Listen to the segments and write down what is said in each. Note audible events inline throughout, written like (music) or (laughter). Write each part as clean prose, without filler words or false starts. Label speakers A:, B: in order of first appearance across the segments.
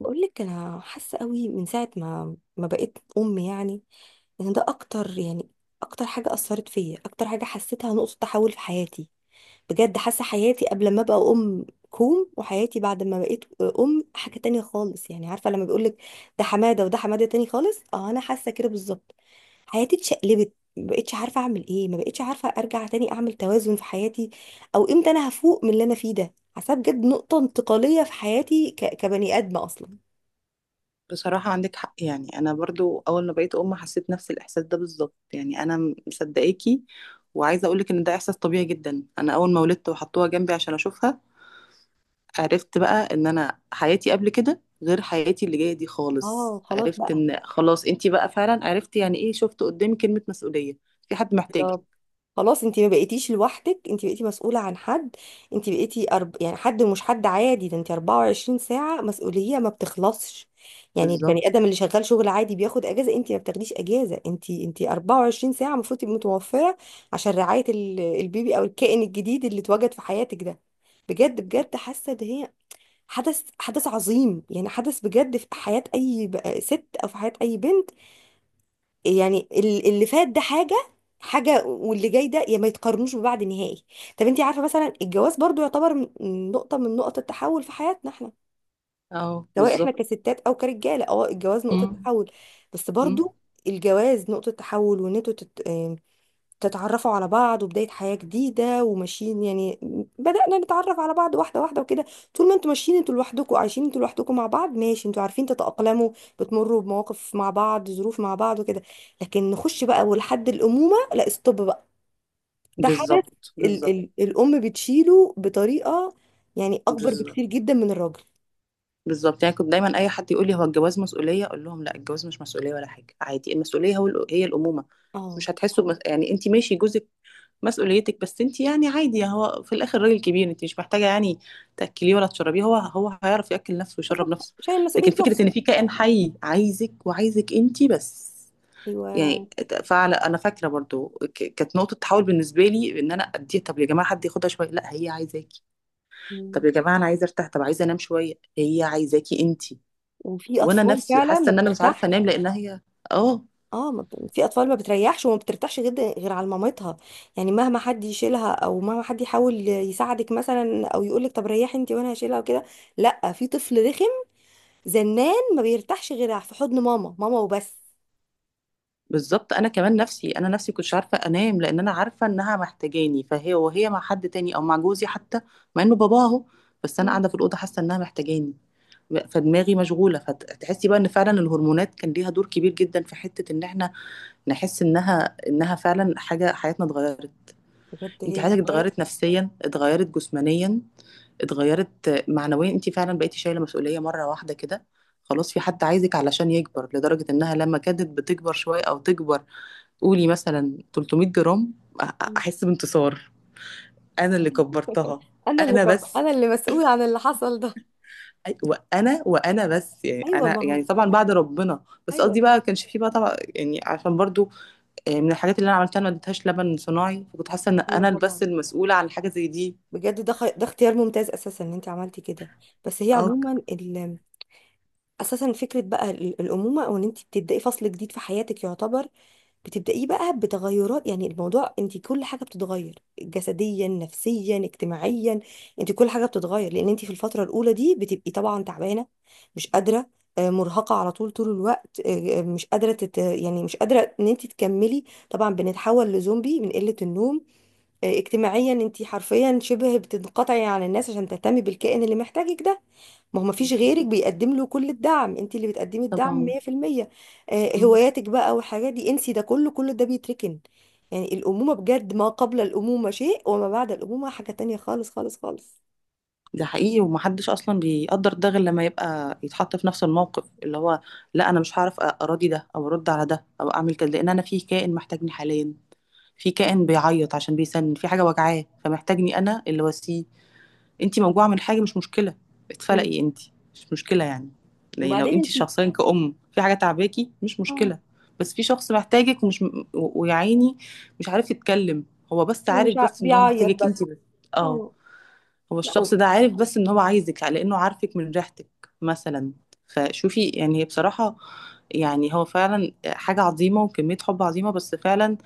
A: بقول لك انا حاسه قوي من ساعه ما بقيت ام، يعني ان ده اكتر، يعني اكتر حاجه اثرت فيا، اكتر حاجه حسيتها نقطه تحول في حياتي. بجد حاسه حياتي قبل ما ابقى ام كوم، وحياتي بعد ما بقيت ام حاجه تانية خالص. يعني عارفه لما بيقول لك ده حماده وده حماده تاني خالص، اه انا حاسه كده بالظبط. حياتي اتشقلبت، ما بقتش عارفه اعمل ايه، ما بقتش عارفه ارجع تاني اعمل توازن في حياتي او امتى انا هفوق من اللي انا فيه ده. حاسه بجد نقطه انتقاليه في حياتي كبني ادمه اصلا.
B: بصراحة عندك حق. يعني أنا برضو أول ما بقيت أم حسيت نفس الإحساس ده بالظبط، يعني أنا مصدقاكي، وعايزة أقولك إن ده إحساس طبيعي جدا. أنا أول ما ولدت وحطوها جنبي عشان أشوفها عرفت بقى إن أنا حياتي قبل كده غير حياتي اللي جاية دي
A: اه
B: خالص.
A: خلاص
B: عرفت
A: بقى.
B: إن خلاص أنتي بقى فعلا، عرفت يعني إيه، شفت قدامي كلمة مسؤولية. في حد محتاجك.
A: بالظبط. خلاص، انت ما بقيتيش لوحدك، انت بقيتي مسؤولة عن حد. انت بقيتي يعني حد مش حد عادي ده، انت 24 ساعة مسؤولية ما بتخلصش. يعني البني
B: بالظبط.
A: ادم اللي شغال شغل عادي بياخد اجازة، انت ما بتاخديش اجازة، انت 24 ساعة المفروض تبقي متوفرة عشان رعاية البيبي او الكائن الجديد اللي اتوجد في حياتك ده. بجد بجد حاسة ان هي حدث عظيم، يعني حدث بجد في حياة اي ست او في حياة اي بنت. يعني اللي فات ده حاجة واللي جاي ده يا ما يتقارنوش ببعض نهائي. طب انت عارفة مثلا الجواز برضو يعتبر نقطة من نقط التحول في حياتنا احنا،
B: أه
A: سواء احنا
B: بالظبط.
A: كستات او كرجالة. اه الجواز نقطة
B: مم.
A: تحول. بس
B: مم.
A: برضو الجواز نقطة تحول، وان انتوا تتعرفوا على بعض، وبداية حياة جديدة وماشيين. يعني بدأنا نتعرف على بعض واحدة واحدة وكده. طول ما انتوا ماشيين انتوا لوحدكم، عايشين انتوا لوحدكم مع بعض، ماشي، انتوا عارفين تتأقلموا، بتمروا بمواقف مع بعض، ظروف مع بعض وكده. لكن نخش بقى ولحد الأمومة، لا استوب بقى. ده حدث.
B: بالظبط
A: ال
B: بالظبط.
A: ال الأم بتشيله بطريقة يعني أكبر
B: بالظبط
A: بكتير جدا من الراجل.
B: بالظبط، يعني كنت دايما اي حد يقول لي هو الجواز مسؤوليه، اقول لهم لا، الجواز مش مسؤوليه ولا حاجه، عادي. المسؤوليه هي الامومه.
A: اه
B: مش هتحسوا بمس... يعني انت ماشي، جوزك مسؤوليتك، بس انت يعني عادي، يعني هو في الاخر راجل كبير، انت مش محتاجه يعني تاكليه ولا تشربيه، هو هيعرف ياكل نفسه ويشرب
A: صح،
B: نفسه.
A: شايل مسؤولية
B: لكن فكره
A: نفسه.
B: ان في كائن حي عايزك، وعايزك انت بس
A: ايوه.
B: يعني. فعلا انا فاكره برضو، كانت نقطه تحول بالنسبه لي. ان انا اديها، طب يا جماعه حد ياخدها شويه، لا هي عايزاكي. طب
A: مم.
B: يا جماعه انا عايزه ارتاح، طب عايزه انام شويه، هي عايزاكي انت.
A: وفي
B: وانا
A: أطفال
B: نفسي
A: فعلا
B: حاسه
A: ما
B: ان انا مش عارفه
A: بترتاحش.
B: انام لان هي. اه.
A: اه ما ب- في اطفال ما بتريحش وما بترتاحش جدا غير على مامتها. يعني مهما حد يشيلها او مهما حد يحاول يساعدك مثلا او يقولك طب ريحي انت وانا هشيلها وكده، لا، في طفل رخم زنان ما بيرتاحش غير في حضن ماما، ماما وبس.
B: بالظبط، انا كمان نفسي، انا نفسي كنتش عارفه انام لان انا عارفه انها محتاجاني، فهي وهي مع حد تاني او مع جوزي حتى، مع انه بابا اهو، بس انا
A: مم.
B: قاعده في الاوضه حاسه انها محتاجاني، فدماغي مشغوله. فتحسي بقى ان فعلا الهرمونات كان ليها دور كبير جدا في حته ان احنا نحس انها فعلا حاجه حياتنا اتغيرت.
A: بجد
B: انت
A: هي
B: حياتك
A: بتتغير.
B: اتغيرت، نفسيا اتغيرت، جسمانيا اتغيرت، معنويا. انت فعلا بقيتي شايله مسؤوليه مره واحده كده، خلاص في حد عايزك علشان يكبر، لدرجه انها لما كانت بتكبر شويه او تكبر، قولي مثلا 300 جرام، أ-
A: مم.
B: احس بانتصار، انا اللي كبرتها. انا بس،
A: انا اللي مسؤول عن اللي حصل ده.
B: وانا بس، يعني
A: ايوه
B: انا
A: ما هو،
B: يعني طبعا بعد ربنا، بس
A: ايوه،
B: قصدي بقى كانش فيه بقى طبعا يعني عشان برضو. آه، من الحاجات اللي انا عملتها، انا ما اديتهاش لبن صناعي، فكنت حاسه ان
A: ايوه
B: انا بس
A: طبعا.
B: المسؤوله عن حاجه زي دي.
A: بجد ده ده اختيار ممتاز اساسا ان انت عملتي كده. بس هي عموما اساسا فكره بقى الامومه، او ان انت بتبداي فصل جديد في حياتك، يعتبر بتبدايه بقى بتغيرات. يعني الموضوع انت كل حاجه بتتغير، جسديا نفسيا اجتماعيا. انت كل حاجه بتتغير، لان انت في الفتره الاولى دي بتبقي طبعا تعبانه، مش قادره، مرهقه على طول طول الوقت، مش قادره يعني مش قادره ان انت تكملي. طبعا بنتحول لزومبي من قله النوم. اجتماعيا انت حرفيا شبه بتنقطعي عن الناس عشان تهتمي بالكائن اللي محتاجك ده. ما هو
B: اه.
A: مفيش غيرك بيقدم له كل الدعم، انت اللي بتقدمي الدعم
B: طبعا.
A: 100%.
B: مم.
A: هواياتك بقى والحاجات دي انسي ده كله، كل ده بيتركن. يعني الأمومة بجد، ما قبل الأمومة شيء وما بعد الأمومة حاجة تانية خالص خالص خالص.
B: ده حقيقي، ومحدش اصلا بيقدر ده غير لما يبقى يتحط في نفس الموقف. اللي هو لا، انا مش هعرف اراضي ده او ارد على ده او اعمل كده، لان انا في كائن محتاجني حاليا، في كائن بيعيط عشان بيسن في حاجه وجعاه فمحتاجني، انا اللي واسيه. انتي موجوعه من حاجه مش مشكله،
A: مم.
B: اتفلقي انتي مش مشكله يعني، يعني لو
A: وبعدين
B: انتي
A: انت،
B: شخصيا كأم في حاجه تعباكي مش
A: اه
B: مشكله، بس في شخص محتاجك، ويا عيني مش عارف يتكلم، هو بس
A: مش
B: عارف بس ان هو
A: بيعيط
B: محتاجك
A: بس.
B: انتي بس. اه.
A: اه
B: هو
A: لا
B: الشخص ده عارف بس ان هو عايزك، لانه عارفك من ريحتك مثلا. فشوفي يعني، هي بصراحه يعني هو فعلا حاجه عظيمه وكميه حب عظيمه، بس فعلا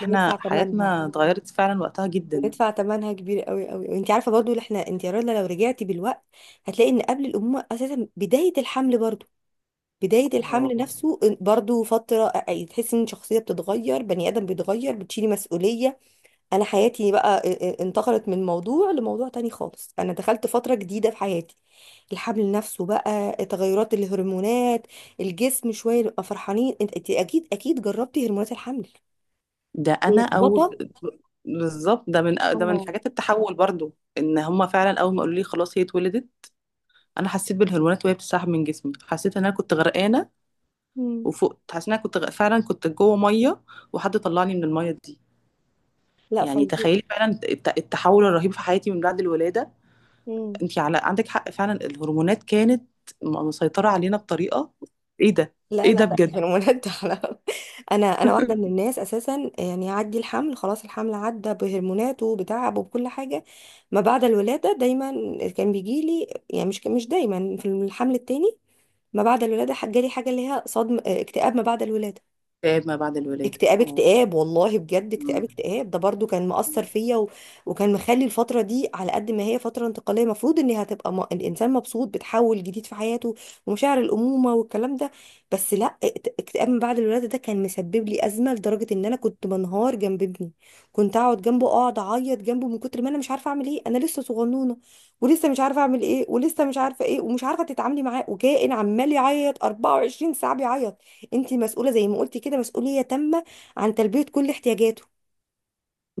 A: بندفع ثمنها،
B: حياتنا اتغيرت فعلا وقتها جدا.
A: بندفع ثمنها كبير قوي قوي. وانت عارفه برضو اللي احنا، انت يا رنا لو رجعتي بالوقت هتلاقي ان قبل الامومه اساسا بدايه الحمل برضو، بداية الحمل
B: اه.
A: نفسه برضو فترة تحس ان شخصية بتتغير، بني آدم بيتغير، بتشيلي مسؤولية. أنا حياتي بقى انتقلت من موضوع لموضوع تاني خالص، أنا دخلت فترة جديدة في حياتي. الحمل نفسه بقى تغيرات الهرمونات، الجسم شوية نبقى فرحانين. انت، أنت أكيد أكيد جربتي هرمونات الحمل،
B: ده انا او
A: اللخبطة.
B: ب- بالظبط، ده من ده من
A: اه.
B: حاجات التحول برضو، ان هما فعلا اول ما قالوا لي خلاص هي اتولدت، انا حسيت بالهرمونات وهي بتسحب من جسمي، حسيت ان انا كنت غرقانه
A: مم.
B: وفقت، حسيت ان انا فعلا كنت جوه ميه وحد طلعني من الميه دي.
A: لا
B: يعني
A: فظيع.
B: تخيلي فعلا التحول الرهيب في حياتي من بعد الولاده.
A: مم.
B: انت على عندك حق، فعلا الهرمونات كانت مسيطره علينا بطريقه. ايه ده،
A: لا
B: ايه ده
A: لا لا،
B: بجد.
A: الهرمونات ده حرام. (laughs) انا واحده من الناس اساسا، يعني يعدي الحمل خلاص، الحمل عدى بهرموناته بتعبه بكل حاجه. ما بعد الولاده دايما كان بيجي لي، يعني مش دايما، في الحمل التاني ما بعد الولاده جالي حاجه اللي هي صدم، اكتئاب ما بعد الولاده.
B: اكتئاب ما بعد الولاده
A: اكتئاب
B: اه.
A: اكتئاب والله بجد اكتئاب اكتئاب ده برضو كان مأثر
B: مم.
A: فيا وكان مخلي الفترة دي، على قد ما هي فترة انتقالية المفروض ان هي هتبقى الانسان مبسوط بتحول جديد في حياته ومشاعر الأمومة والكلام ده، بس لا، اكتئاب من بعد الولادة ده كان مسبب لي أزمة لدرجة ان انا كنت منهار جنب ابني. كنت اقعد جنبه، اقعد اعيط جنبه من كتر ما انا مش عارفة اعمل ايه. انا لسه صغنونة ولسه مش عارفة اعمل ايه، ولسه مش عارفة ايه، ومش عارفة تتعاملي معاه، وكائن عمال يعيط 24 ساعة بيعيط. انت مسؤوله زي ما قلتي كده، مسؤوليه تامه عن تلبيه كل احتياجاته.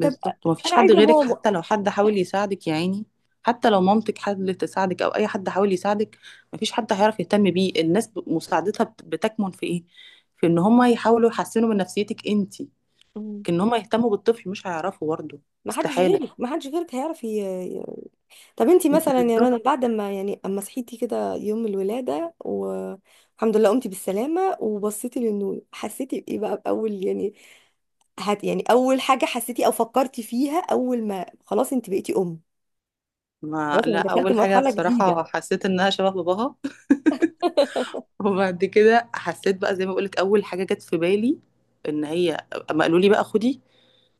A: طب
B: مفيش
A: انا
B: حد
A: عايزه
B: غيرك،
A: ماما.
B: حتى لو حد حاول يساعدك يا عيني، حتى لو مامتك حاولت تساعدك او اي حد حاول يساعدك، مفيش حد هيعرف يهتم بيه. الناس مساعدتها بتكمن في ايه، في ان هم يحاولوا يحسنوا من نفسيتك انتي،
A: مم.
B: لكن ان هم يهتموا بالطفل مش هيعرفوا برضه.
A: ما حدش
B: استحالة.
A: غيرك، ما حدش غيرك هيعرف ي- طب انت مثلا يا رنا
B: بالظبط.
A: بعد ما، يعني اما صحيتي كده يوم الولاده والحمد لله قمتي بالسلامه وبصيتي للنور، حسيتي بايه بقى باول يعني، هت يعني اول حاجه حسيتي او فكرتي فيها اول ما خلاص انت بقيتي ام؟
B: ما
A: خلاص
B: لا،
A: انا دخلت
B: اول حاجة
A: مرحله جديده.
B: بصراحة حسيت انها شبه باباها (laughs)
A: (laughs)
B: وبعد كده حسيت بقى زي ما بقولك اول حاجة جت في بالي ان هي، اما قالوا لي بقى خدي،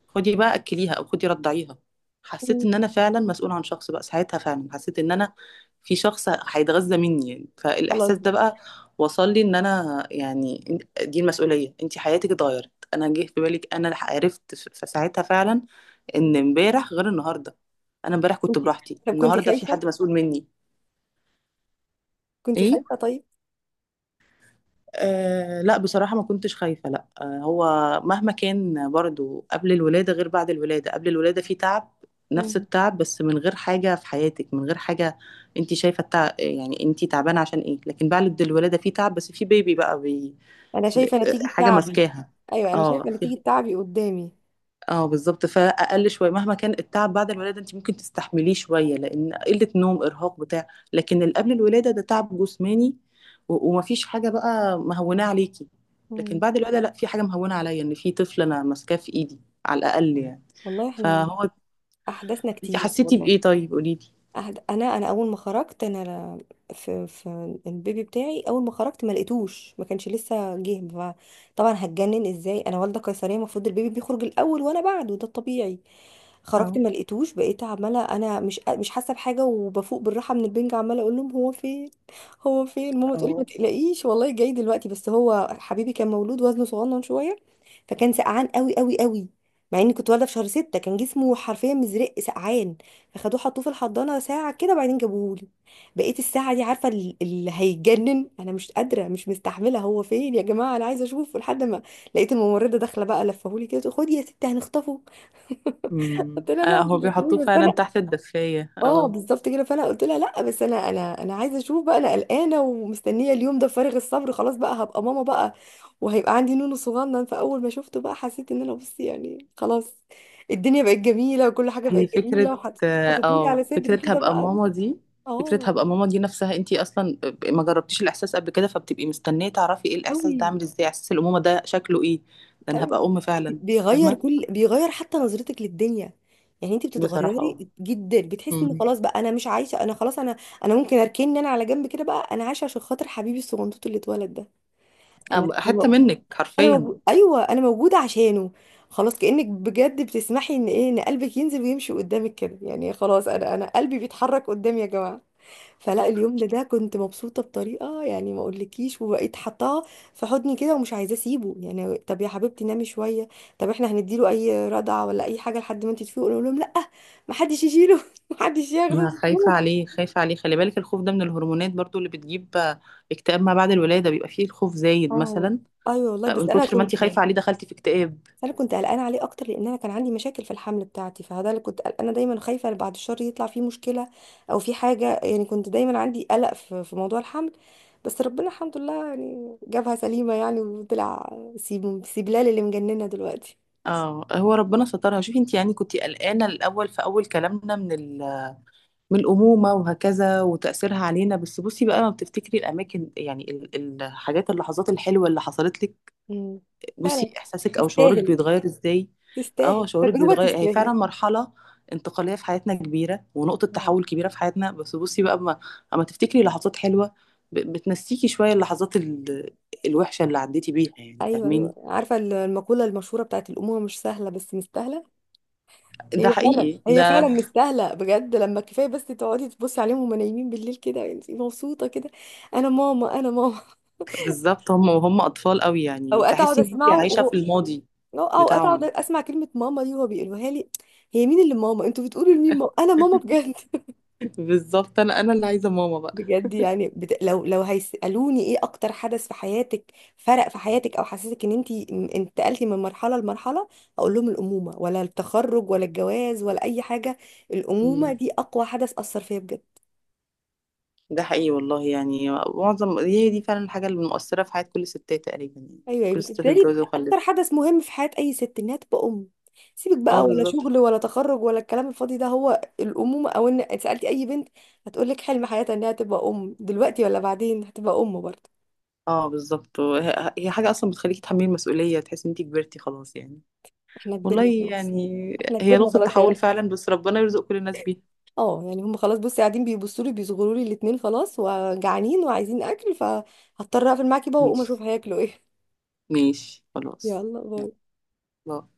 B: خدي بقى اكليها او خدي رضعيها، حسيت
A: مم.
B: ان انا فعلا مسؤولة عن شخص بقى. ساعتها فعلا حسيت ان انا في شخص هيتغذى مني يعني،
A: خلاص
B: فالاحساس ده
A: بقى.
B: بقى وصل لي ان انا يعني دي المسؤولية. انت حياتك اتغيرت، انا جه في بالك انا عرفت ساعتها فعلا ان امبارح غير النهاردة، انا امبارح كنت
A: كنت،
B: براحتي،
A: طب كنت
B: النهاردة في
A: خايفه،
B: حد مسؤول مني.
A: كنت
B: ايه.
A: خايفه؟
B: أه لا، بصراحة ما كنتش خايفة، لا. أه هو مهما كان برضو قبل الولادة غير بعد الولادة، قبل الولادة في تعب، نفس
A: طيب
B: التعب بس من غير حاجة في حياتك، من غير حاجة انت شايفة التعب، يعني انت تعبانة عشان ايه، لكن بعد الولادة في تعب بس في بيبي بقى
A: انا
B: بي...
A: شايفه نتيجه
B: حاجة
A: تعبي،
B: ماسكاها.
A: ايوه انا
B: اه.
A: شايفه نتيجه تعبي قدامي.
B: اه بالظبط، فاقل شويه مهما كان التعب بعد الولاده، انت ممكن تستحمليه شويه، لان قله نوم ارهاق بتاع، لكن اللي قبل الولاده ده تعب جسماني ومفيش حاجه بقى مهونه عليكي، لكن
A: مم.
B: بعد الولاده لا، في حاجه مهونه عليا ان في طفل انا ماسكاه في ايدي على الاقل يعني.
A: والله احنا
B: فهو
A: احداثنا
B: انت
A: كتير
B: حسيتي
A: والله.
B: بايه طيب قولي لي.
A: انا اول ما خرجت انا، في في البيبي بتاعي اول ما خرجت ما لقيتوش، ما كانش لسه جه. طبعا هتجنن ازاي، انا والده قيصريه المفروض البيبي بيخرج الاول وانا بعده، ده الطبيعي. خرجت
B: اه.
A: ما لقيتوش، بقيت عماله انا مش حاسه بحاجه وبفوق بالراحه من البنج، عماله اقول لهم هو فين، هو فين. ماما تقولي ما
B: اه.
A: تقلقيش والله جاي دلوقتي. بس هو حبيبي كان مولود وزنه صغنن شويه، فكان سقعان قوي قوي قوي. مع اني كنت والده في شهر ستة كان جسمه حرفيا مزرق سقعان. اخدوه حطوه في الحضانه ساعه كده وبعدين جابوهولي. بقيت الساعه دي عارفه اللي هيجنن، انا مش قادره مش مستحمله، هو فين يا جماعه انا عايزه اشوفه، لحد ما لقيت الممرضه داخله بقى لفهولي كده تقول خدي يا ستي هنخطفه.
B: امم،
A: قلت لها
B: اه
A: لا مش
B: هو
A: هتخطفيه
B: بيحطوه
A: بس
B: فعلا
A: انا.
B: تحت الدفايه
A: اه
B: اه.
A: بالظبط كده، فانا قلت لها لا بس انا عايزه اشوف بقى، انا قلقانه ومستنيه اليوم ده فارغ الصبر، خلاص بقى هبقى ماما بقى وهيبقى عندي نونو صغنن. فاول ما شفته بقى حسيت ان انا، بصي يعني خلاص، الدنيا بقت جميله وكل حاجه
B: هي
A: بقت
B: فكرة،
A: جميله.
B: اه.
A: وحطيتولي
B: آه،
A: على صدري
B: فكرة
A: كده
B: هبقى
A: بقى.
B: ماما دي، فكرة
A: اه
B: هبقى ماما دي نفسها، انتي اصلا ما جربتيش الاحساس قبل كده، فبتبقي مستنية تعرفي ايه الاحساس
A: قوي
B: ده عامل ازاي، احساس الامومة ده شكله ايه، ده انا
A: قوي،
B: هبقى ام فعلا.
A: بيغير
B: فاهمة.
A: كل، بيغير حتى نظرتك للدنيا. يعني انت
B: بصراحة اه.
A: بتتغيري جدا، بتحسي ان
B: أمم.
A: خلاص بقى انا مش عايشه انا، خلاص انا، انا ممكن اركن انا على جنب كده بقى، انا عايشه عشان خاطر حبيبي الصغنطوط اللي اتولد ده. انا
B: أبقى
A: انا
B: حتة
A: مو-
B: منك
A: انا
B: حرفيا.
A: موجود، ايوه انا موجوده عشانه. خلاص كانك بجد بتسمحي ان ايه، ان قلبك ينزل ويمشي قدامك كده، يعني خلاص انا، انا قلبي بيتحرك قدامي يا جماعه. فلا اليوم ده، ده كنت مبسوطة بطريقة يعني ما اقولكيش، وبقيت حطاه في حضني كده ومش عايزة اسيبه. يعني طب يا حبيبتي نامي شوية، طب احنا هنديله اي رضعة ولا اي حاجة لحد ما انت تفيقي؟ اقول لهم لا، محدش يشيله، (laughs) محدش ياخده.
B: أنا خايفة عليه، خايفة عليه، خلي بالك الخوف ده من الهرمونات برضو اللي بتجيب آه، اكتئاب ما بعد الولادة، بيبقى فيه الخوف زايد
A: اه
B: مثلا.
A: ايوه والله.
B: آه، من
A: بس انا
B: كتر ما
A: كنت،
B: انتي خايفة عليه دخلتي في اكتئاب.
A: انا كنت قلقانه عليه اكتر لان انا كان عندي مشاكل في الحمل بتاعتي، فده اللي كنت قلقانه دايما خايفه بعد الشهر يطلع فيه مشكله او في حاجه. يعني كنت دايما عندي قلق في موضوع الحمل، بس ربنا الحمد لله يعني جابها سليمه يعني وطلع. سيبلال اللي مجننه دلوقتي.
B: اه. هو ربنا سترها. شوفي انتي يعني كنتي قلقانة الاول في اول كلامنا من من الأمومة وهكذا وتأثيرها علينا، بس بصي بقى لما بتفتكري الأماكن يعني الحاجات، اللحظات الحلوة اللي حصلت لك،
A: مم.
B: بصي
A: فعلا
B: إحساسك أو شعورك
A: تستاهل،
B: بيتغير إزاي. اه
A: تستاهل
B: شعورك
A: تجربه،
B: بيتغير، هي
A: تستاهل.
B: فعلا مرحلة انتقالية في حياتنا كبيرة ونقطة
A: اه
B: تحول كبيرة في حياتنا، بس بصي بقى أما، أما تفتكري لحظات حلوة بتنسيكي شوية اللحظات الوحشة اللي عديتي بيها يعني،
A: ايوه ايوه،
B: فاهميني.
A: عارفه المقوله المشهوره بتاعت الامومه، مش سهله بس مستاهله.
B: ده
A: هي فعلا،
B: حقيقي
A: هي فعلا
B: ده.
A: مستاهله بجد. لما كفايه بس تقعدي تبصي عليهم وهم نايمين بالليل كده، انت مبسوطه كده. انا ماما، انا ماما.
B: بالظبط، هم وهم أطفال قوي
A: (laughs)
B: يعني،
A: اوقات اقعد
B: تحسي إن أنت
A: اسمعه
B: عايشة
A: وهو،
B: في الماضي
A: اوقات اقعد
B: بتاعهم.
A: اسمع كلمه ماما دي وهو بيقولوها لي، هي مين اللي ماما؟ انتوا بتقولوا لمين ماما، انا ماما بجد. (laughs)
B: بالضبط، أنا اللي عايزة ماما بقى.
A: بجد يعني لو هيسالوني ايه اكتر حدث في حياتك فرق في حياتك او حسسك ان انت انتقلتي من مرحله لمرحله، اقول لهم الامومه، ولا التخرج ولا الجواز ولا اي حاجه، الامومه
B: إمم.
A: دي اقوى حدث اثر فيا بجد.
B: ده حقيقي والله، يعني معظم، هي دي فعلًا الحاجة المؤثّرة في حياة كل الستات تقريبًا يعني،
A: ايوه
B: كل
A: ايوه،
B: الستات
A: بالنسبه لي
B: اتجوزوا
A: اكتر
B: وخلّفوا.
A: حدث مهم في حياه اي ست انها تبقى ام. سيبك بقى
B: آه
A: ولا
B: بالضبط.
A: شغل ولا تخرج ولا الكلام الفاضي ده، هو الامومه. او ان سالتي اي بنت هتقول لك حلم حياتها انها تبقى ام، دلوقتي ولا بعدين هتبقى ام برضه.
B: آه بالضبط، وه هي حاجة أصلًا بتخلّيكِ تتحمّلي المسؤولية، تحسّي إن أنتِ كبرتِ خلاص يعني.
A: احنا
B: والله
A: كبرنا خلاص،
B: يعني،
A: احنا
B: هي
A: كبرنا
B: نقطة
A: خلاص يا
B: تحوّل
A: رحمة.
B: فعلًا، بس ربنا يرزق كل الناس بيها.
A: اه يعني هم خلاص، بصي قاعدين بيبصوا لي بيصغروا لي الاثنين، خلاص وجعانين وعايزين اكل، فهضطر اقفل معاكي بقى واقوم
B: ماشي،
A: اشوف هياكلوا ايه.
B: ماشي
A: (laughs)
B: خلاص،
A: يلا
B: يالّا
A: باي.
B: باي.